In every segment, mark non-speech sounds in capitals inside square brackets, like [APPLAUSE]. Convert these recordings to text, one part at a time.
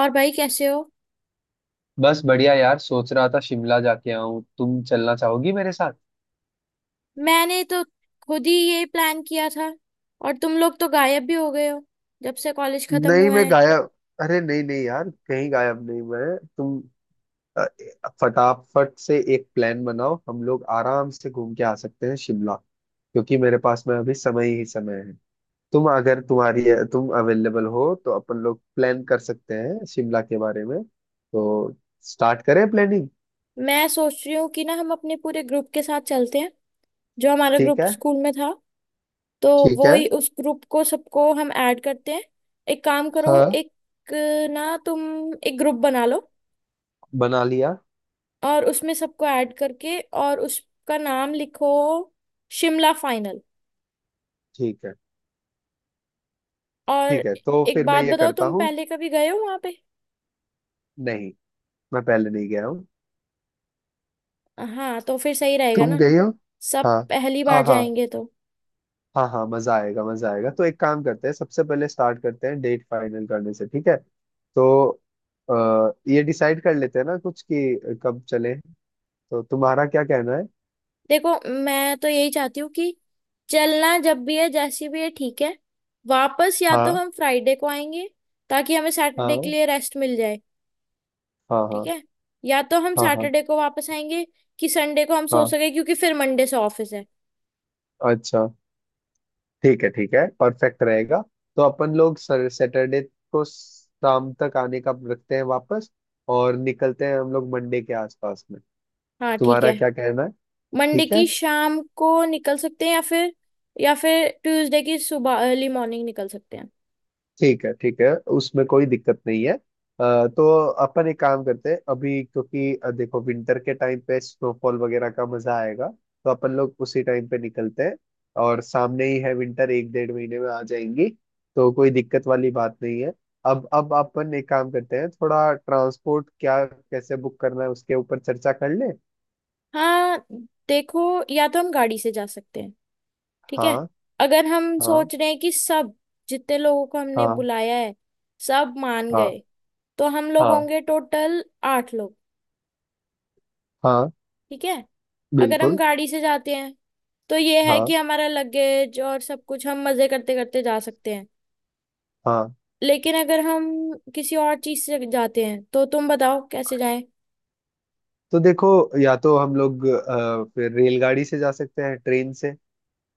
और भाई कैसे हो? बस बढ़िया यार, सोच रहा था शिमला जाके आऊं। तुम चलना चाहोगी मेरे साथ? मैंने तो खुद ही ये प्लान किया था। और तुम लोग तो गायब भी हो गए हो जब से कॉलेज खत्म नहीं, हुआ मैं है। गायब अरे नहीं नहीं यार, कहीं गायब नहीं। अ, फटाफट से एक प्लान बनाओ। हम लोग आराम से घूम के आ सकते हैं शिमला। क्योंकि मेरे पास में अभी समय ही समय है। तुम अगर तुम्हारी तुम अवेलेबल हो तो अपन लोग प्लान कर सकते हैं शिमला के बारे में। तो स्टार्ट करें प्लानिंग। मैं सोच रही हूँ कि ना हम अपने पूरे ग्रुप के साथ चलते हैं, जो हमारा ठीक ग्रुप है। स्कूल में था। तो ठीक वो है। ही, उस ग्रुप को सबको हम ऐड करते हैं। एक काम करो, हाँ। एक ना तुम एक ग्रुप बना लो, बना लिया। और उसमें सबको ऐड करके, और उसका नाम लिखो शिमला फाइनल। ठीक है। और ठीक है, तो एक फिर मैं बात ये बताओ, करता तुम हूँ। पहले कभी गए हो वहां पे? नहीं, मैं पहले नहीं गया हूँ। हाँ, तो फिर सही रहेगा तुम ना, गई हो? सब हाँ। पहली हाँ बार हाँ। जाएंगे तो। हाँ हाँ, मजा आएगा। मजा आएगा, तो एक काम करते हैं, सबसे पहले स्टार्ट करते हैं डेट फाइनल करने से। ठीक है। तो ये डिसाइड कर लेते हैं ना कुछ कि कब चले। तो तुम्हारा क्या कहना है? देखो, मैं तो यही चाहती हूँ कि चलना जब भी है जैसी भी है ठीक है। वापस या तो हाँ। हम फ्राइडे को आएंगे ताकि हमें सैटरडे के हाँ। लिए रेस्ट मिल जाए। हाँ। ठीक हाँ। है। या तो हम हाँ हाँ। सैटरडे को वापस आएंगे कि संडे को हम सो हाँ। सके, क्योंकि फिर मंडे से ऑफिस है। अच्छा। ठीक है। ठीक है, परफेक्ट रहेगा। तो अपन लोग सैटरडे को शाम तक आने का रखते हैं वापस। और निकलते हैं हम लोग मंडे के आसपास में। हाँ ठीक तुम्हारा है, क्या कहना है? मंडे ठीक है। की शाम को निकल सकते हैं, या फिर, या फिर ट्यूसडे की सुबह अर्ली मॉर्निंग निकल सकते हैं। ठीक है। ठीक है, उसमें कोई दिक्कत नहीं है। तो अपन एक काम करते हैं अभी, क्योंकि देखो विंटर के टाइम पे स्नोफॉल वगैरह का मजा आएगा, तो अपन लोग उसी टाइम पे निकलते हैं। और सामने ही है विंटर, एक डेढ़ महीने में आ जाएंगी। तो कोई दिक्कत वाली बात नहीं है। अब अपन एक काम करते हैं, थोड़ा ट्रांसपोर्ट क्या कैसे बुक करना है उसके ऊपर चर्चा कर ले। हाँ, देखो, या तो हम गाड़ी से जा सकते हैं। ठीक है, हाँ। अगर हम हाँ। सोच रहे हैं कि सब, जितने लोगों को हमने हाँ। बुलाया है, सब मान हाँ। गए, तो हम लोग हाँ। होंगे टोटल आठ लोग। हाँ, ठीक है, अगर हम बिल्कुल। गाड़ी से जाते हैं तो ये है हाँ कि हमारा लगेज और सब कुछ हम मजे करते करते जा सकते हैं। हाँ। लेकिन अगर हम किसी और चीज से जाते हैं तो तुम बताओ कैसे जाएं। तो देखो, या तो हम लोग फिर रेलगाड़ी से जा सकते हैं, ट्रेन से।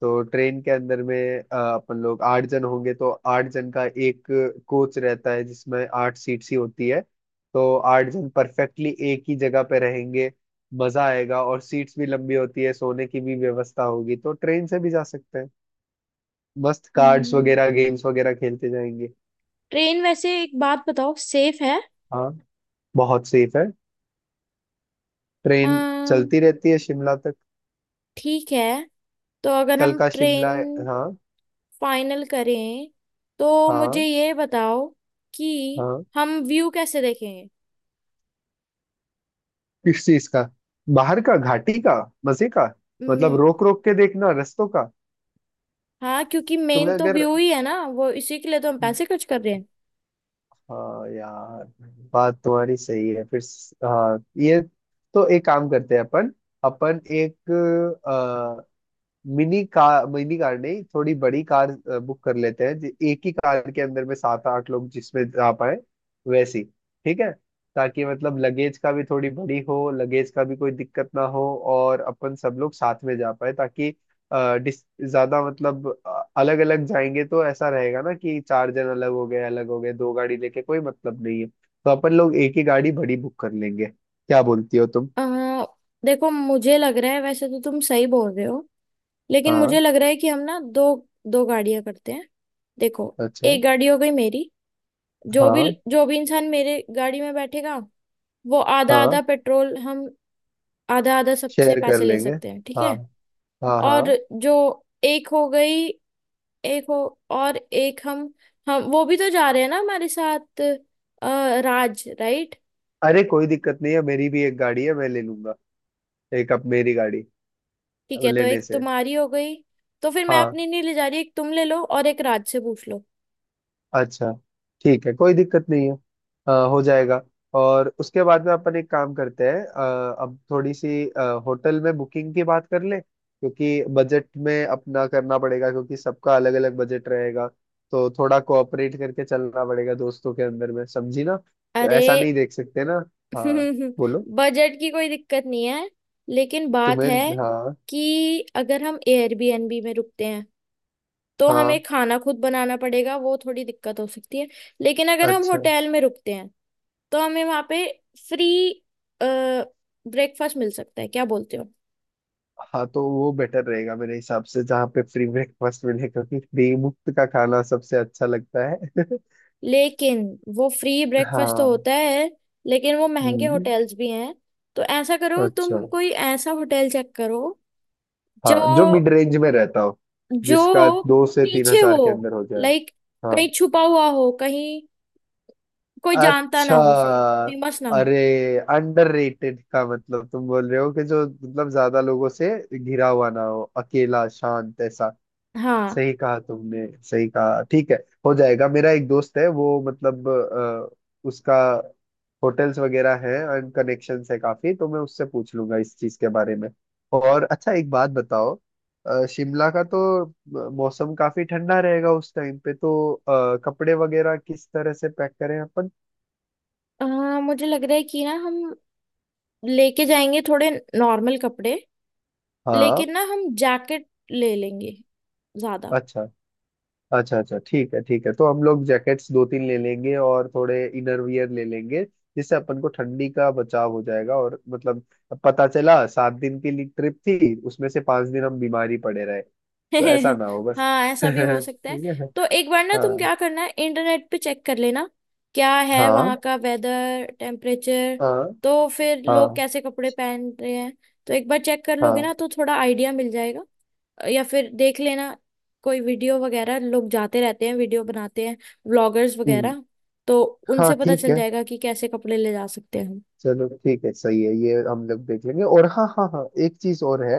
तो ट्रेन के अंदर में अपन लोग 8 जन होंगे, तो 8 जन का एक कोच रहता है जिसमें 8 सीट्स ही होती है। तो 8 जन परफेक्टली एक ही जगह पे रहेंगे। मजा आएगा। और सीट्स भी लंबी होती है, सोने की भी व्यवस्था होगी, तो ट्रेन से भी जा सकते हैं। मस्त कार्ड्स अम्म, वगैरह, गेम्स वगैरह खेलते जाएंगे। ट्रेन वैसे एक बात बताओ, सेफ है? हाँ, बहुत सेफ है ट्रेन। अम्म, चलती रहती है शिमला तक। ठीक है, तो अगर कल हम का शिमला ट्रेन है, हाँ। फाइनल करें तो मुझे हाँ। ये बताओ कि हाँ। हम व्यू कैसे देखेंगे। किस चीज का? बाहर का, घाटी का, मजे का। मतलब हम्म, रोक रोक के देखना रस्तों का। हाँ क्योंकि मेन तुम्हें तो अगर, व्यू ही है ना, वो इसी के लिए तो हम पैसे खर्च कर रहे हैं। हाँ यार, बात तुम्हारी सही है, फिर हाँ ये, तो एक काम करते हैं। अपन अपन एक मिनी कार नहीं, थोड़ी बड़ी कार बुक कर लेते हैं, एक ही कार के अंदर में 7-8 लोग जिसमें जा पाए वैसी। ठीक है, ताकि मतलब लगेज का भी, थोड़ी बड़ी हो, लगेज का भी कोई दिक्कत ना हो। और अपन सब लोग साथ में जा पाए, ताकि अ, डिस ज्यादा मतलब, अलग अलग जाएंगे तो ऐसा रहेगा ना कि 4 जन अलग हो गए, अलग हो गए, 2 गाड़ी लेके कोई मतलब नहीं है। तो अपन लोग एक ही गाड़ी बड़ी बुक कर लेंगे, क्या बोलती हो तुम? अ, देखो, मुझे लग रहा है वैसे तो तुम सही बोल रहे हो, लेकिन हाँ। मुझे लग रहा है कि हम ना, दो दो गाड़ियां करते हैं। देखो, अच्छा। एक गाड़ी हो गई मेरी, जो भी हाँ। जो भी इंसान मेरे गाड़ी में बैठेगा, वो आधा हाँ, आधा पेट्रोल हम, आधा आधा सबसे शेयर कर पैसे ले लेंगे। सकते हैं ठीक हाँ। है। हाँ हाँ। और जो, एक हो गई, एक हो, और एक हम वो भी तो जा रहे हैं ना हमारे साथ, राज, राइट? अरे, कोई दिक्कत नहीं है, मेरी भी एक गाड़ी है, मैं ले लूंगा। एक, अब मेरी गाड़ी, ठीक अब है, तो लेने एक से, तुम्हारी हो गई। तो फिर मैं हाँ। अपनी नहीं ले जा रही, एक तुम ले लो और एक राज से पूछ लो। अच्छा, ठीक है, कोई दिक्कत नहीं है। हो जाएगा। और उसके बाद में अपन एक काम करते हैं, अब थोड़ी सी होटल में बुकिंग की बात कर ले, क्योंकि बजट में अपना करना पड़ेगा, क्योंकि सबका अलग अलग बजट रहेगा। तो थोड़ा कोऑपरेट करके चलना पड़ेगा दोस्तों के अंदर में, समझी ना? तो अरे ऐसा नहीं देख सकते ना। [LAUGHS] हाँ, बोलो। बजट की कोई दिक्कत नहीं है, लेकिन बात तुम्हें। है हाँ। कि अगर हम एयरबीएनबी में रुकते हैं तो हाँ। हमें खाना खुद बनाना पड़ेगा, वो थोड़ी दिक्कत हो सकती है। लेकिन अगर हम अच्छा। होटल में रुकते हैं तो हमें वहाँ पे फ्री ब्रेकफास्ट मिल सकता है, क्या बोलते हो? हाँ, तो वो बेटर रहेगा मेरे हिसाब से, जहाँ पे फ्री ब्रेकफास्ट मिले, क्योंकि फ्री मुफ्त का खाना सबसे अच्छा लगता है [LAUGHS] लेकिन वो फ्री ब्रेकफास्ट तो हाँ। होता है, लेकिन वो महंगे हम्म। होटल्स भी हैं, तो ऐसा करो, अच्छा, तुम कोई ऐसा होटल चेक करो हाँ, जो जो मिड रेंज में रहता हो, जिसका जो दो से तीन पीछे हो, हजार के अंदर हो जाए। लाइक, हाँ। कहीं छुपा हुआ हो, कहीं कोई जानता ना अच्छा, हो उसे, फेमस ना हो। अरे, अंडररेटेड का मतलब तुम बोल रहे हो कि जो मतलब ज्यादा लोगों से घिरा हुआ ना हो, अकेला शांत ऐसा। हाँ, सही कहा तुमने, सही कहा, ठीक है। हो जाएगा, मेरा एक दोस्त है, वो मतलब उसका होटल्स वगैरह हैं, एंड कनेक्शंस है काफी, तो मैं उससे पूछ लूंगा इस चीज के बारे में। और अच्छा, एक बात बताओ, शिमला का तो मौसम काफी ठंडा रहेगा उस टाइम पे, तो कपड़े वगैरह किस तरह से पैक करें अपन? अ, मुझे लग रहा है कि ना हम लेके जाएंगे थोड़े नॉर्मल कपड़े, हाँ। लेकिन ना हम जैकेट ले लेंगे ज्यादा। अच्छा। अच्छा, अच्छा, ठीक है, ठीक है, तो हम लोग जैकेट्स 2-3 ले लेंगे और थोड़े इनर वियर ले लेंगे। जिससे अपन को ठंडी का बचाव हो जाएगा, और मतलब, अब पता चला 7 दिन की ट्रिप थी, उसमें से 5 दिन हम बीमारी पड़े रहे। तो ऐसा ना [LAUGHS] हो बस हाँ, [LAUGHS] ऐसा भी हो सकता है। ठीक है। तो एक बार ना, तुम हाँ। क्या करना है, इंटरनेट पे चेक कर लेना, क्या है हाँ। वहाँ का वेदर टेम्परेचर, हाँ। तो फिर लोग हाँ। कैसे कपड़े पहन रहे हैं, तो एक बार चेक कर लोगे हाँ। ना तो थोड़ा आइडिया मिल जाएगा। या फिर देख लेना, कोई वीडियो वगैरह, लोग जाते रहते हैं, वीडियो बनाते हैं, व्लॉगर्स हम्म। वगैरह, तो हाँ, उनसे पता ठीक चल है, जाएगा कि कैसे कपड़े ले जा सकते हैं। चलो, ठीक है, सही है, ये हम लोग देख लेंगे। और हाँ हाँ हाँ, एक चीज और है,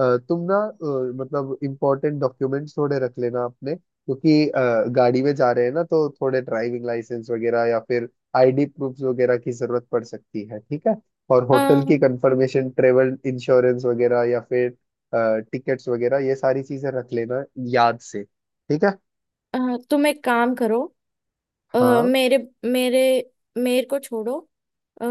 तुम ना, मतलब इम्पोर्टेंट डॉक्यूमेंट्स थोड़े रख लेना अपने, क्योंकि गाड़ी में जा रहे हैं ना, तो थोड़े ड्राइविंग लाइसेंस वगैरह, या फिर आईडी प्रूफ वगैरह की जरूरत पड़ सकती है, ठीक है। और होटल की हम, कंफर्मेशन, ट्रेवल इंश्योरेंस वगैरह, या फिर टिकट्स वगैरह, ये सारी चीजें रख लेना याद से, ठीक है। तुम एक काम करो, अ, हाँ, मेरे मेरे मेरे को छोड़ो, अ,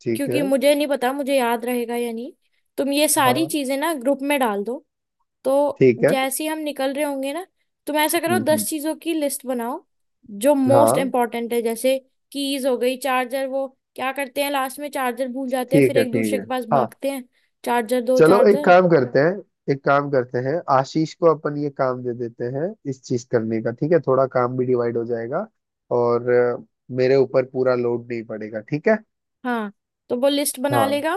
ठीक क्योंकि है। मुझे नहीं पता मुझे याद रहेगा या नहीं, तुम ये सारी हाँ, चीजें ना ग्रुप में डाल दो, तो ठीक है। जैसे ही हम निकल रहे होंगे ना, तुम ऐसा करो, हम्म। दस हम्म। चीजों की लिस्ट बनाओ जो मोस्ट हाँ, इम्पोर्टेंट है, जैसे कीज हो गई, चार्जर, वो क्या करते हैं, लास्ट में चार्जर भूल जाते हैं ठीक फिर है। एक ठीक दूसरे है। के पास हाँ, भागते हैं, चार्जर, दो चलो, एक चार्जर। काम करते हैं, एक काम करते हैं, आशीष को अपन ये काम दे देते हैं इस चीज करने का, ठीक है। थोड़ा काम भी डिवाइड हो जाएगा। और मेरे ऊपर पूरा लोड नहीं पड़ेगा, ठीक है। हाँ, तो वो लिस्ट बना हाँ। लेगा,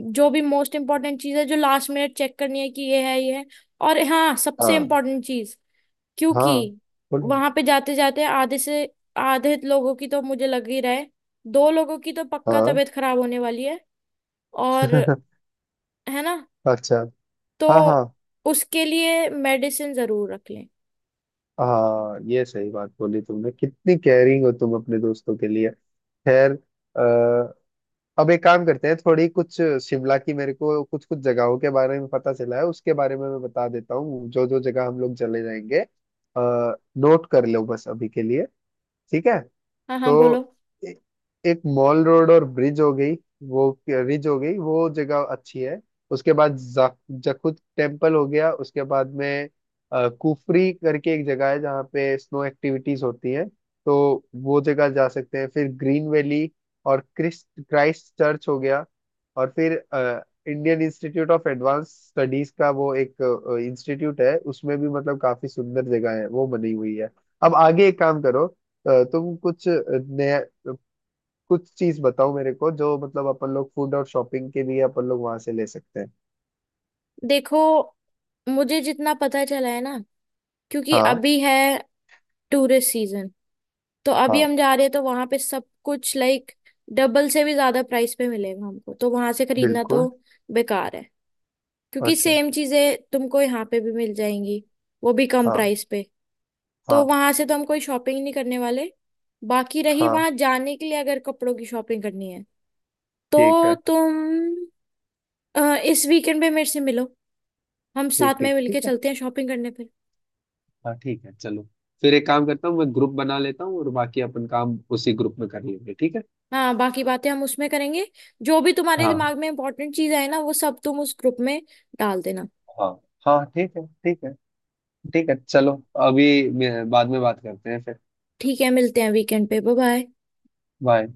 जो भी मोस्ट इम्पोर्टेंट चीज है, जो लास्ट मिनट चेक करनी है कि ये है ये है। और हाँ, सबसे हाँ। इम्पोर्टेंट चीज, क्योंकि हाँ, बोलो। वहां पे जाते जाते आधे से आधे लोगों की तो मुझे लग ही रहा है, दो लोगों की तो पक्का हाँ तबीयत खराब होने वाली है, और [LAUGHS] है ना, अच्छा। तो हाँ हाँ उसके लिए मेडिसिन जरूर रख लें। हाँ, ये सही बात बोली तुमने, कितनी केयरिंग हो तुम अपने दोस्तों के लिए। खैर, अब एक काम करते हैं, थोड़ी कुछ शिमला की, मेरे को कुछ कुछ जगहों के बारे में पता चला है, उसके बारे में मैं बता देता हूँ, जो जो जगह हम लोग चले जाएंगे। आ, नोट कर लो बस अभी के लिए, ठीक है। हाँ हाँ, बोलो। तो ए- एक मॉल रोड और ब्रिज हो गई, वो रिज हो गई, वो जगह अच्छी है। उसके बाद जखुद टेम्पल हो गया, उसके बाद में कुफरी करके एक जगह है जहाँ पे स्नो एक्टिविटीज होती हैं। तो वो जगह जा सकते हैं। फिर ग्रीन वैली, और क्रिस्ट क्राइस्ट चर्च हो गया। और फिर Indian institute of advance studies का वो एक इंस्टीट्यूट है, उसमें भी मतलब काफी सुंदर जगह है वो बनी हुई है। अब आगे एक काम करो, तुम कुछ चीज बताओ मेरे को, जो मतलब अपन लोग फूड और शॉपिंग के लिए अपन लोग वहां से ले सकते हैं। देखो, मुझे जितना पता चला है ना, क्योंकि हाँ। अभी है टूरिस्ट सीजन, तो अभी हाँ, हम जा रहे हैं तो वहां पे सब कुछ, लाइक, डबल से भी ज्यादा प्राइस पे मिलेगा, हमको तो वहां से खरीदना बिल्कुल। तो बेकार है, क्योंकि अच्छा। सेम चीजें तुमको यहाँ पे भी मिल जाएंगी, वो भी कम हाँ। प्राइस पे। तो हाँ। वहां से तो हम कोई शॉपिंग नहीं करने वाले। बाकी रही, हाँ, वहां जाने के लिए अगर कपड़ों की शॉपिंग करनी है ठीक तो है। तुम, इस वीकेंड पे मेरे से मिलो, हम ठीक, साथ में ठीक, मिलके ठीक है। चलते हैं शॉपिंग करने पे। हाँ, ठीक है, चलो, फिर एक काम करता हूँ, मैं ग्रुप बना लेता हूँ और बाकी अपन काम उसी ग्रुप में कर लेंगे, ठीक है। हाँ, बाकी बातें हम उसमें करेंगे, जो भी तुम्हारे हाँ। दिमाग में इंपॉर्टेंट चीज आए ना वो सब तुम उस ग्रुप में डाल देना। हाँ। हाँ, ठीक है। ठीक है। ठीक है, चलो, अभी बाद में बात करते हैं फिर। ठीक है, मिलते हैं वीकेंड पे, बाय बाय। बाय।